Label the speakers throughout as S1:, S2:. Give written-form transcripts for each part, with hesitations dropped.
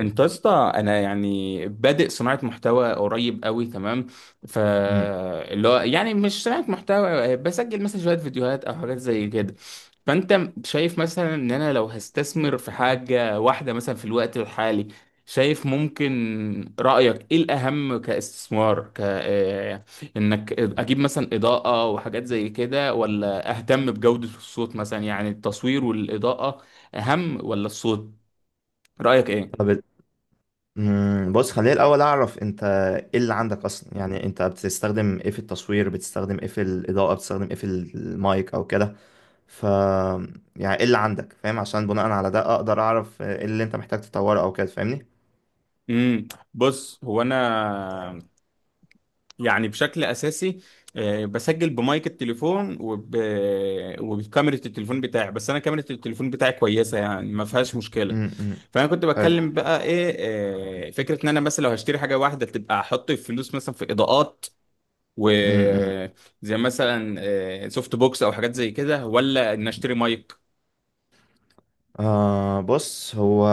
S1: انت يا اسطى انا يعني بادئ صناعه محتوى قريب قوي تمام. ف
S2: مم.
S1: اللي هو يعني مش صناعه محتوى، بسجل مثلا شويه فيديوهات او حاجات زي كده. فانت شايف مثلا ان انا لو هستثمر في حاجه واحده مثلا في الوقت الحالي، شايف ممكن رايك ايه الاهم كاستثمار، ك آه، انك اجيب مثلا اضاءه وحاجات زي كده، ولا اهتم بجوده الصوت مثلا؟ يعني التصوير والاضاءه اهم ولا الصوت؟ رايك ايه؟
S2: طب بص خليني الأول أعرف أنت إيه اللي عندك أصلا يعني أنت بتستخدم إيه في التصوير، بتستخدم إيه في الإضاءة، بتستخدم إيه في المايك أو كده. ف يعني إيه اللي عندك؟ فاهم؟ عشان بناء على ده أقدر أعرف إيه اللي أنت محتاج تطوره أو كده. فاهمني؟
S1: امم بص، هو انا يعني بشكل اساسي بسجل بمايك التليفون وبكاميرا التليفون بتاعي، بس انا كاميرا التليفون بتاعي كويسه يعني، ما فيهاش مشكله.
S2: مم. مم.
S1: فانا كنت
S2: حلو.
S1: بتكلم بقى ايه، فكره ان انا مثلا لو هشتري حاجه واحده تبقى احط الفلوس مثلا في اضاءات، و
S2: مم. مم.
S1: زي مثلا سوفت بوكس او حاجات زي كده، ولا ان اشتري مايك.
S2: بص، هو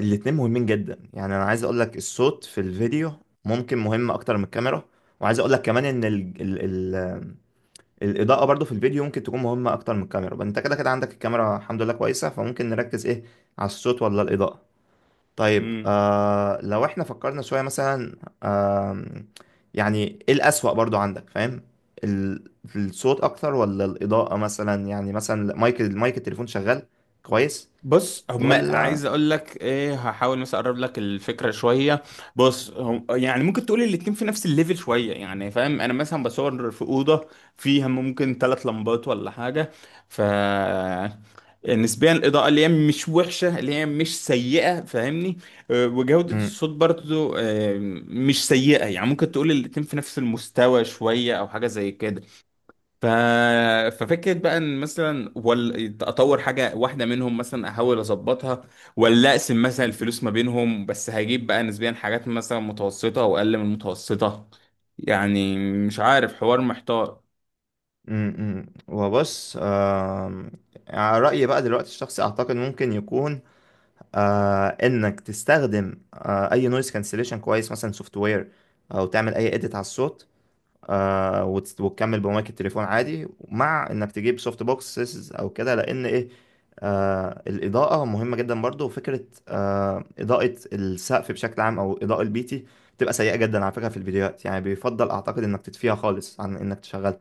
S2: الاتنين مهمين جدا، يعني أنا عايز أقول لك الصوت في الفيديو ممكن مهم أكتر من الكاميرا، وعايز أقول لك كمان إن الاضاءه برضو في الفيديو ممكن تكون مهمه اكتر من الكاميرا. بقى انت كده كده عندك الكاميرا الحمد لله كويسه، فممكن نركز ايه، على الصوت ولا الاضاءه؟ طيب،
S1: امم
S2: لو احنا فكرنا شويه مثلا، آم، يعني ايه الاسوأ برضو عندك؟ فاهم؟ الصوت اكتر ولا الاضاءه مثلا؟ يعني مثلا المايك التليفون شغال كويس
S1: بص، هم عايز
S2: ولا؟
S1: اقول لك ايه، هحاول مثلا اقرب لك الفكره شويه. بص، هم يعني ممكن تقول الاتنين في نفس الليفل شويه، يعني فاهم؟ انا مثلا بصور في اوضه فيها ممكن ثلاث لمبات ولا حاجه. ف نسبيا الاضاءه اللي هي مش وحشه، اللي هي مش سيئه، فاهمني؟ وجوده
S2: مم،
S1: الصوت برضو مش سيئه. يعني ممكن تقول الاتنين في نفس المستوى شويه او حاجه زي كده. ف... ففكرة بقى ان مثلا، ولا اطور حاجة واحدة منهم مثلا، احاول اظبطها، ولا اقسم مثلا الفلوس ما بينهم، بس هجيب بقى نسبيا حاجات مثلا متوسطة واقل من المتوسطة، يعني مش عارف، حوار محتار.
S2: مم. وبص، على رأيي بقى دلوقتي الشخصي اعتقد ممكن يكون انك تستخدم اي نويز كانسليشن كويس، مثلا سوفت وير، او تعمل اي اديت على الصوت. وتكمل بمايك التليفون عادي، مع انك تجيب سوفت بوكسز او كده. لان ايه، الاضاءه مهمه جدا برضو. وفكره اضاءه السقف بشكل عام، او اضاءه البيتي، بتبقى سيئه جدا على فكره في الفيديوهات، يعني بيفضل اعتقد انك تطفيها خالص عن انك تشغلها.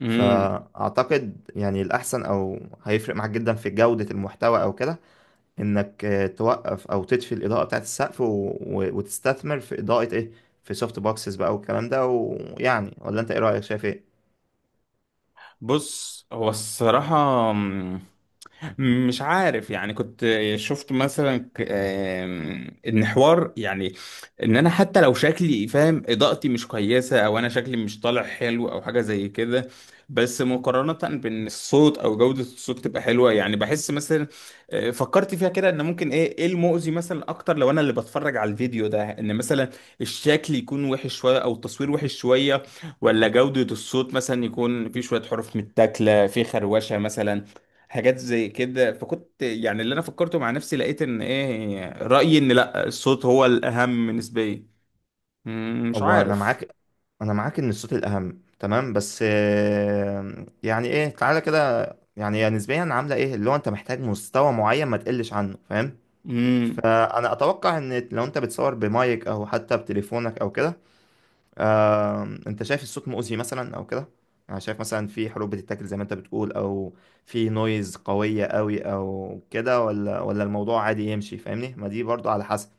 S1: امم
S2: فاعتقد يعني الاحسن، او هيفرق معاك جدا في جوده المحتوى او كده، انك توقف او تطفي الاضاءه بتاعت السقف، وتستثمر في اضاءه ايه، في سوفت بوكسز بقى والكلام ده. ويعني، ولا انت ايه رايك؟ شايف ايه؟
S1: بص، هو الصراحة مش عارف يعني، كنت شفت مثلا ك- آم، ان حوار يعني، ان انا حتى لو شكلي فاهم اضاءتي مش كويسه، او انا شكلي مش طالع حلو او حاجه زي كده، بس مقارنه بان الصوت او جوده الصوت تبقى حلوه، يعني بحس مثلا، فكرت فيها كده ان ممكن ايه، ايه المؤذي مثلا اكتر لو انا اللي بتفرج على الفيديو ده، ان مثلا الشكل يكون وحش شويه او التصوير وحش شويه، ولا جوده الصوت مثلا يكون في شويه حروف متاكله، في خروشه مثلا، حاجات زي كده. فكنت يعني اللي انا فكرته مع نفسي، لقيت ان ايه رأيي، ان لا، الصوت هو الاهم نسبيا. مم، مش
S2: هو انا
S1: عارف.
S2: معاك، انا معاك ان الصوت الاهم، تمام. بس يعني ايه، تعالى كده، يعني هي نسبيا عامله ايه؟ اللي هو انت محتاج مستوى معين ما تقلش عنه. فاهم؟
S1: مم،
S2: فانا اتوقع ان لو انت بتصور بمايك او حتى بتليفونك او كده، انت شايف الصوت مؤذي مثلا او كده؟ انا شايف مثلا في حروف بتتاكل زي ما انت بتقول، او في نويز قوية قوي او كده، ولا الموضوع عادي يمشي؟ فاهمني؟ ما دي برضو على حسب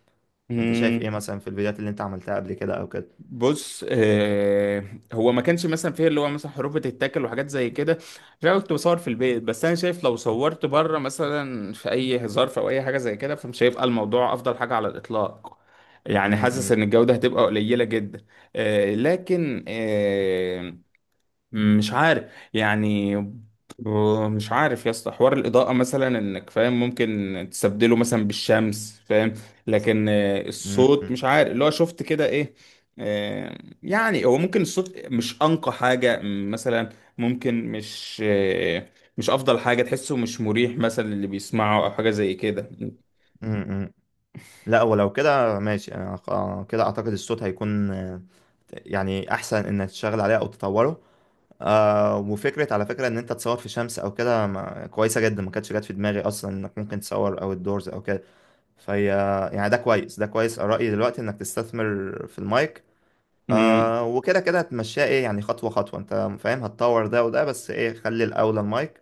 S2: انت شايف
S1: مم.
S2: ايه مثلا في الفيديوهات اللي انت عملتها قبل كده او كده.
S1: بص، هو ما كانش مثلا فيه اللي هو مثلا حروف بتتاكل وحاجات زي كده، عشان أنا كنت بصور في البيت، بس انا شايف لو صورت بره مثلا في اي ظرف او اي حاجه زي كده، فمش هيبقى الموضوع افضل حاجه على الاطلاق.
S2: م-
S1: يعني حاسس
S2: م-
S1: ان الجوده هتبقى قليله جدا. آه لكن آه مش عارف يعني، ب- مش عارف يا اسطى، حوار الإضاءة مثلا انك فاهم ممكن تستبدله مثلا بالشمس، فاهم؟ لكن الصوت
S2: م-
S1: مش عارف، اللي هو شفت كده ايه، آه، يعني هو ممكن الصوت مش أنقى حاجة، مثلا ممكن مش أفضل حاجة، تحسه مش مريح مثلا اللي بيسمعه، أو حاجة زي كده.
S2: م- م. لا، ولو كده ماشي. كده اعتقد الصوت هيكون يعني احسن انك تشتغل عليه او تطوره. وفكره على فكره ان انت تصور في شمس او كده كويسه جدا، ما كانتش جت في دماغي اصلا انك ممكن تصور او الدورز او كده. فهي يعني ده كويس، ده كويس. رأيي دلوقتي انك تستثمر في المايك. وكده كده هتمشيها ايه، يعني خطوة خطوة انت فاهم، هتطور ده وده، بس ايه، خلي الأولى المايك.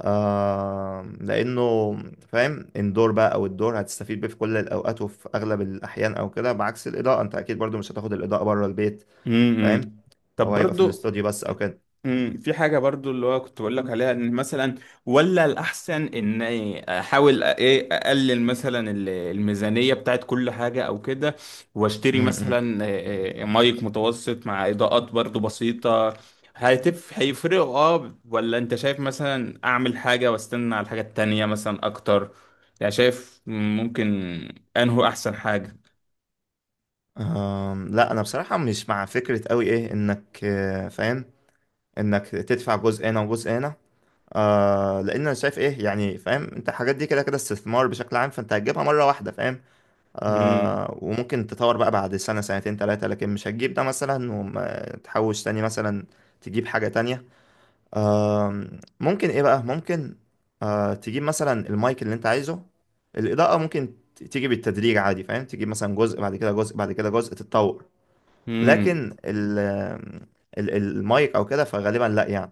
S2: لأنه فاهم، اندور بقى أو الدور هتستفيد بيه في كل الأوقات وفي أغلب الأحيان أو كده، بعكس الإضاءة، انت أكيد برضو مش هتاخد الإضاءة بره البيت.
S1: امم
S2: فاهم؟
S1: طب
S2: هو هيبقى في
S1: برضو،
S2: الاستوديو بس أو كده.
S1: امم، في حاجة برضو اللي هو كنت بقول لك عليها، ان مثلا، ولا الأحسن ان احاول ايه اقلل مثلا الميزانية بتاعت كل حاجة او كده،
S2: م-
S1: واشتري
S2: م.
S1: مثلا مايك متوسط مع إضاءات برضو بسيطة، هيفرقوا اه، ولا انت شايف مثلا اعمل حاجة واستنى على الحاجة التانية مثلا اكتر؟ يعني شايف ممكن انه احسن حاجة.
S2: آم، لا، انا بصراحه مش مع فكره قوي ايه انك فاهم، انك تدفع جزء هنا وجزء هنا. لان انا شايف ايه، يعني فاهم، انت الحاجات دي كده كده استثمار بشكل عام، فانت هتجيبها مره واحده. فاهم؟
S1: امم.
S2: وممكن تطور بقى بعد سنه، سنتين، ثلاثه، لكن مش هتجيب ده مثلا وتحوش تاني مثلا تجيب حاجه تانية. آه ممكن ايه بقى ممكن آه تجيب مثلا المايك اللي انت عايزه. الاضاءه ممكن تيجي بالتدريج عادي، فاهم، تجيب مثلا جزء بعد كده، جزء بعد كده، جزء، تتطور.
S1: امم.
S2: لكن المايك او كده فغالبا لا، يعني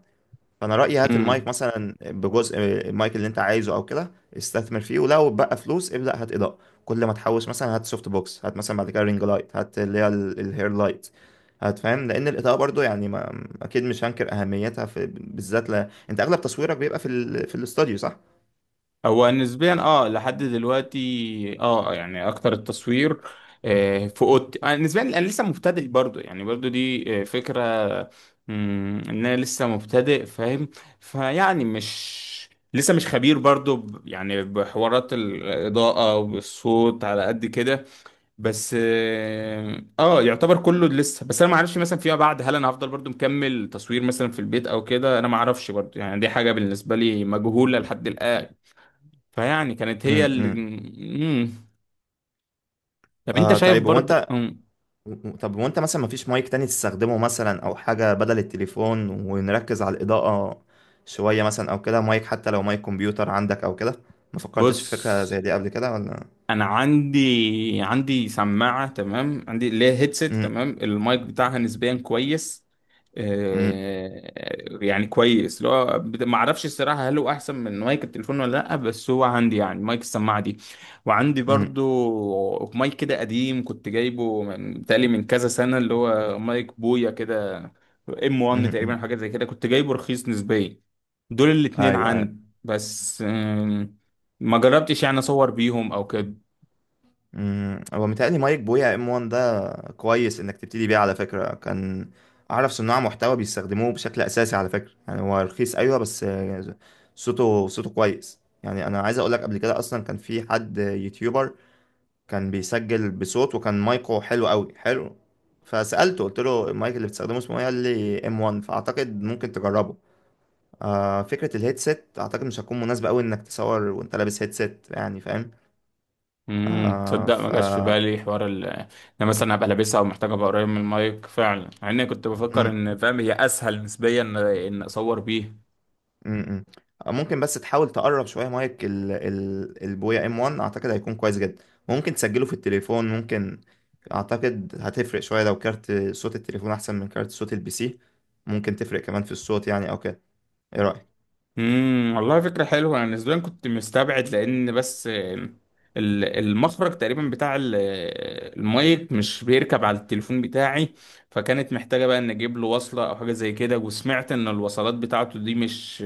S2: فانا رايي هات المايك
S1: امم.
S2: مثلا بجزء، المايك اللي انت عايزه او كده، استثمر فيه. ولو بقى فلوس ابدا هات اضاءه، كل ما تحوش مثلا هات سوفت بوكس، هات مثلا بعد كده رينج لايت، هات اللي هي الهير لايت، هات. فاهم؟ لان الاضاءه برضو يعني ما اكيد مش هنكر اهميتها، في بالذات انت اغلب تصويرك بيبقى في في الاستوديو، صح؟
S1: هو نسبيا اه لحد دلوقتي، اه، يعني اكتر التصوير في اوضتي. نسبيا انا لسه مبتدئ برضو، يعني برضو دي فكرة، مم، ان انا لسه مبتدئ، فاهم؟ فيعني مش لسه مش خبير برضو، يعني بحوارات الاضاءة والصوت على قد كده، بس اه يعتبر كله لسه. بس انا ما اعرفش مثلا فيما بعد هل انا هفضل برضو مكمل تصوير مثلا في البيت او كده، انا ما اعرفش برضو، يعني دي حاجه بالنسبه لي مجهوله لحد الان. فيعني كانت هي اللي،
S2: امم.
S1: مم. طب انت شايف
S2: طيب، هو
S1: برضو،
S2: انت،
S1: مم.
S2: طب وانت مثلا مفيش مايك تاني تستخدمه مثلا، او حاجة بدل التليفون، ونركز على الإضاءة شوية مثلا او كده؟ مايك حتى لو مايك كمبيوتر عندك او كده. ما
S1: بص،
S2: فكرتش في فكرة زي دي قبل كده ولا؟
S1: انا عندي سماعه تمام، عندي اللي هي هيدسيت
S2: مم.
S1: تمام، المايك بتاعها نسبيا كويس،
S2: مم.
S1: يعني كويس، لو ما اعرفش الصراحه هل هو احسن من مايك التليفون ولا لا، بس هو عندي، يعني مايك السماعه دي، وعندي
S2: مم.
S1: برضو مايك كده قديم كنت جايبه من تقريبا من كذا سنه، اللي هو مايك بويا كده، ام
S2: مم.
S1: 1 تقريبا،
S2: مم.
S1: حاجه زي كده، كنت جايبه رخيص نسبيا. دول الاتنين
S2: ايوه ايوه.
S1: عندي بس، ما جربتش يعني اصور بيهم او كده.
S2: مم. هو متهيألي مايك بويا ام 1 ده كويس انك تبتدي بيه على فكرة. كان اعرف صناع محتوى بيستخدموه بشكل اساسي على فكرة. يعني هو رخيص ايوه، بس صوته كويس. يعني انا عايز اقول لك، قبل كده اصلا كان في حد يوتيوبر كان بيسجل بصوت، وكان مايكو حلو قوي، حلو. فسألته قلت له المايك اللي بتستخدمه اسمه ايه، قال لي ام 1، فاعتقد ممكن تجربه. فكرة الهيدسيت اعتقد مش هتكون مناسبة قوي انك تصور وانت لابس هيدسيت، يعني فاهم. آه
S1: تصدق ما
S2: ف
S1: جاش في بالي حوار ال، انا مثلا ابقى لابسها او محتاج ابقى قريب من المايك فعلا، مع اني كنت بفكر
S2: مم،
S1: ان فاهم هي اسهل نسبيا ان إن اصور بيه.
S2: مم، مم. آه، ممكن بس تحاول تقرب شوية مايك البويا ام 1، اعتقد هيكون كويس جدا. ممكن تسجله في التليفون، ممكن اعتقد هتفرق شوية لو كارت صوت التليفون احسن من كارت صوت البي سي، ممكن تفرق كمان في الصوت يعني او كده. ايه رأيك؟
S1: امم، والله فكره حلوه. انا نسبيا كنت مستبعد لان بس، المخرج تقريبا بتاع المايك مش بيركب على التليفون بتاعي، فكانت محتاجه بقى ان اجيب له وصله او حاجه زي كده، وسمعت ان الوصلات بتاعته دي مش،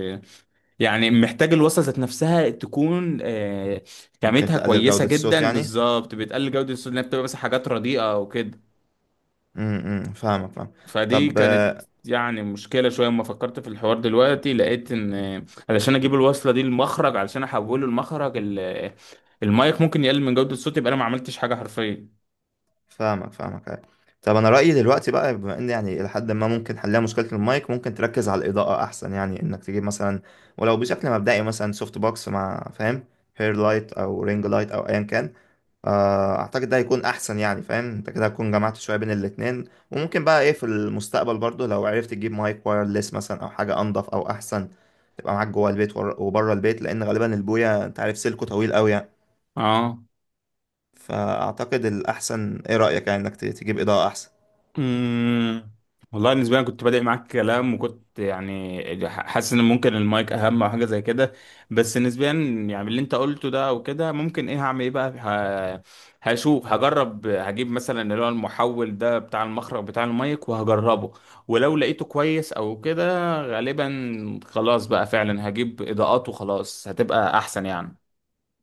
S1: يعني محتاج الوصفة ذات نفسها تكون
S2: ممكن
S1: خامتها
S2: تقلل
S1: كويسة
S2: جودة الصوت
S1: جدا
S2: يعني.
S1: بالظبط، بتقلل جودة الصوت لأنها بتبقى مثلا حاجات رديئة أو كده.
S2: امم، فاهمك، فاهم.
S1: فدي
S2: طب
S1: كانت يعني مشكلة شوية. أما فكرت في الحوار دلوقتي، لقيت إن علشان أجيب الوصلة دي المخرج، علشان أحوله المايك، ممكن يقلل من جودة الصوت، يبقى أنا ما عملتش حاجة حرفيا.
S2: فاهمك فاهمك، أيوة. طب انا رأيي دلوقتي بقى، بما ان يعني الى حد ما ممكن حلها مشكلة المايك، ممكن تركز على الإضاءة احسن. يعني انك تجيب مثلا، ولو بشكل مبدئي مثلا، سوفت بوكس مع فاهم هير لايت او رينج لايت او ايا كان. اعتقد ده هيكون احسن، يعني فاهم انت كده هتكون جمعت شوية بين الاتنين. وممكن بقى ايه في المستقبل برضو لو عرفت تجيب مايك وايرلس مثلا، او حاجة انضف او احسن، تبقى معاك جوه البيت وبره البيت، لان غالبا البوية انت عارف سلكه طويل قوي، يعني.
S1: اه،
S2: فأعتقد الأحسن، إيه رأيك يعني، إنك تجيب إضاءة أحسن.
S1: امم، والله بالنسبه لي أنا كنت بادئ معاك كلام، وكنت يعني حاسس ان ممكن المايك اهم او حاجه زي كده، بس نسبيا يعني اللي انت قلته ده او كده، ممكن ايه هعمل ايه بقى، هشوف، هجرب، هجيب مثلا اللي هو المحول ده بتاع المخرج بتاع المايك، وهجربه، ولو لقيته كويس او كده، غالبا خلاص بقى فعلا هجيب اضاءات، وخلاص هتبقى احسن يعني.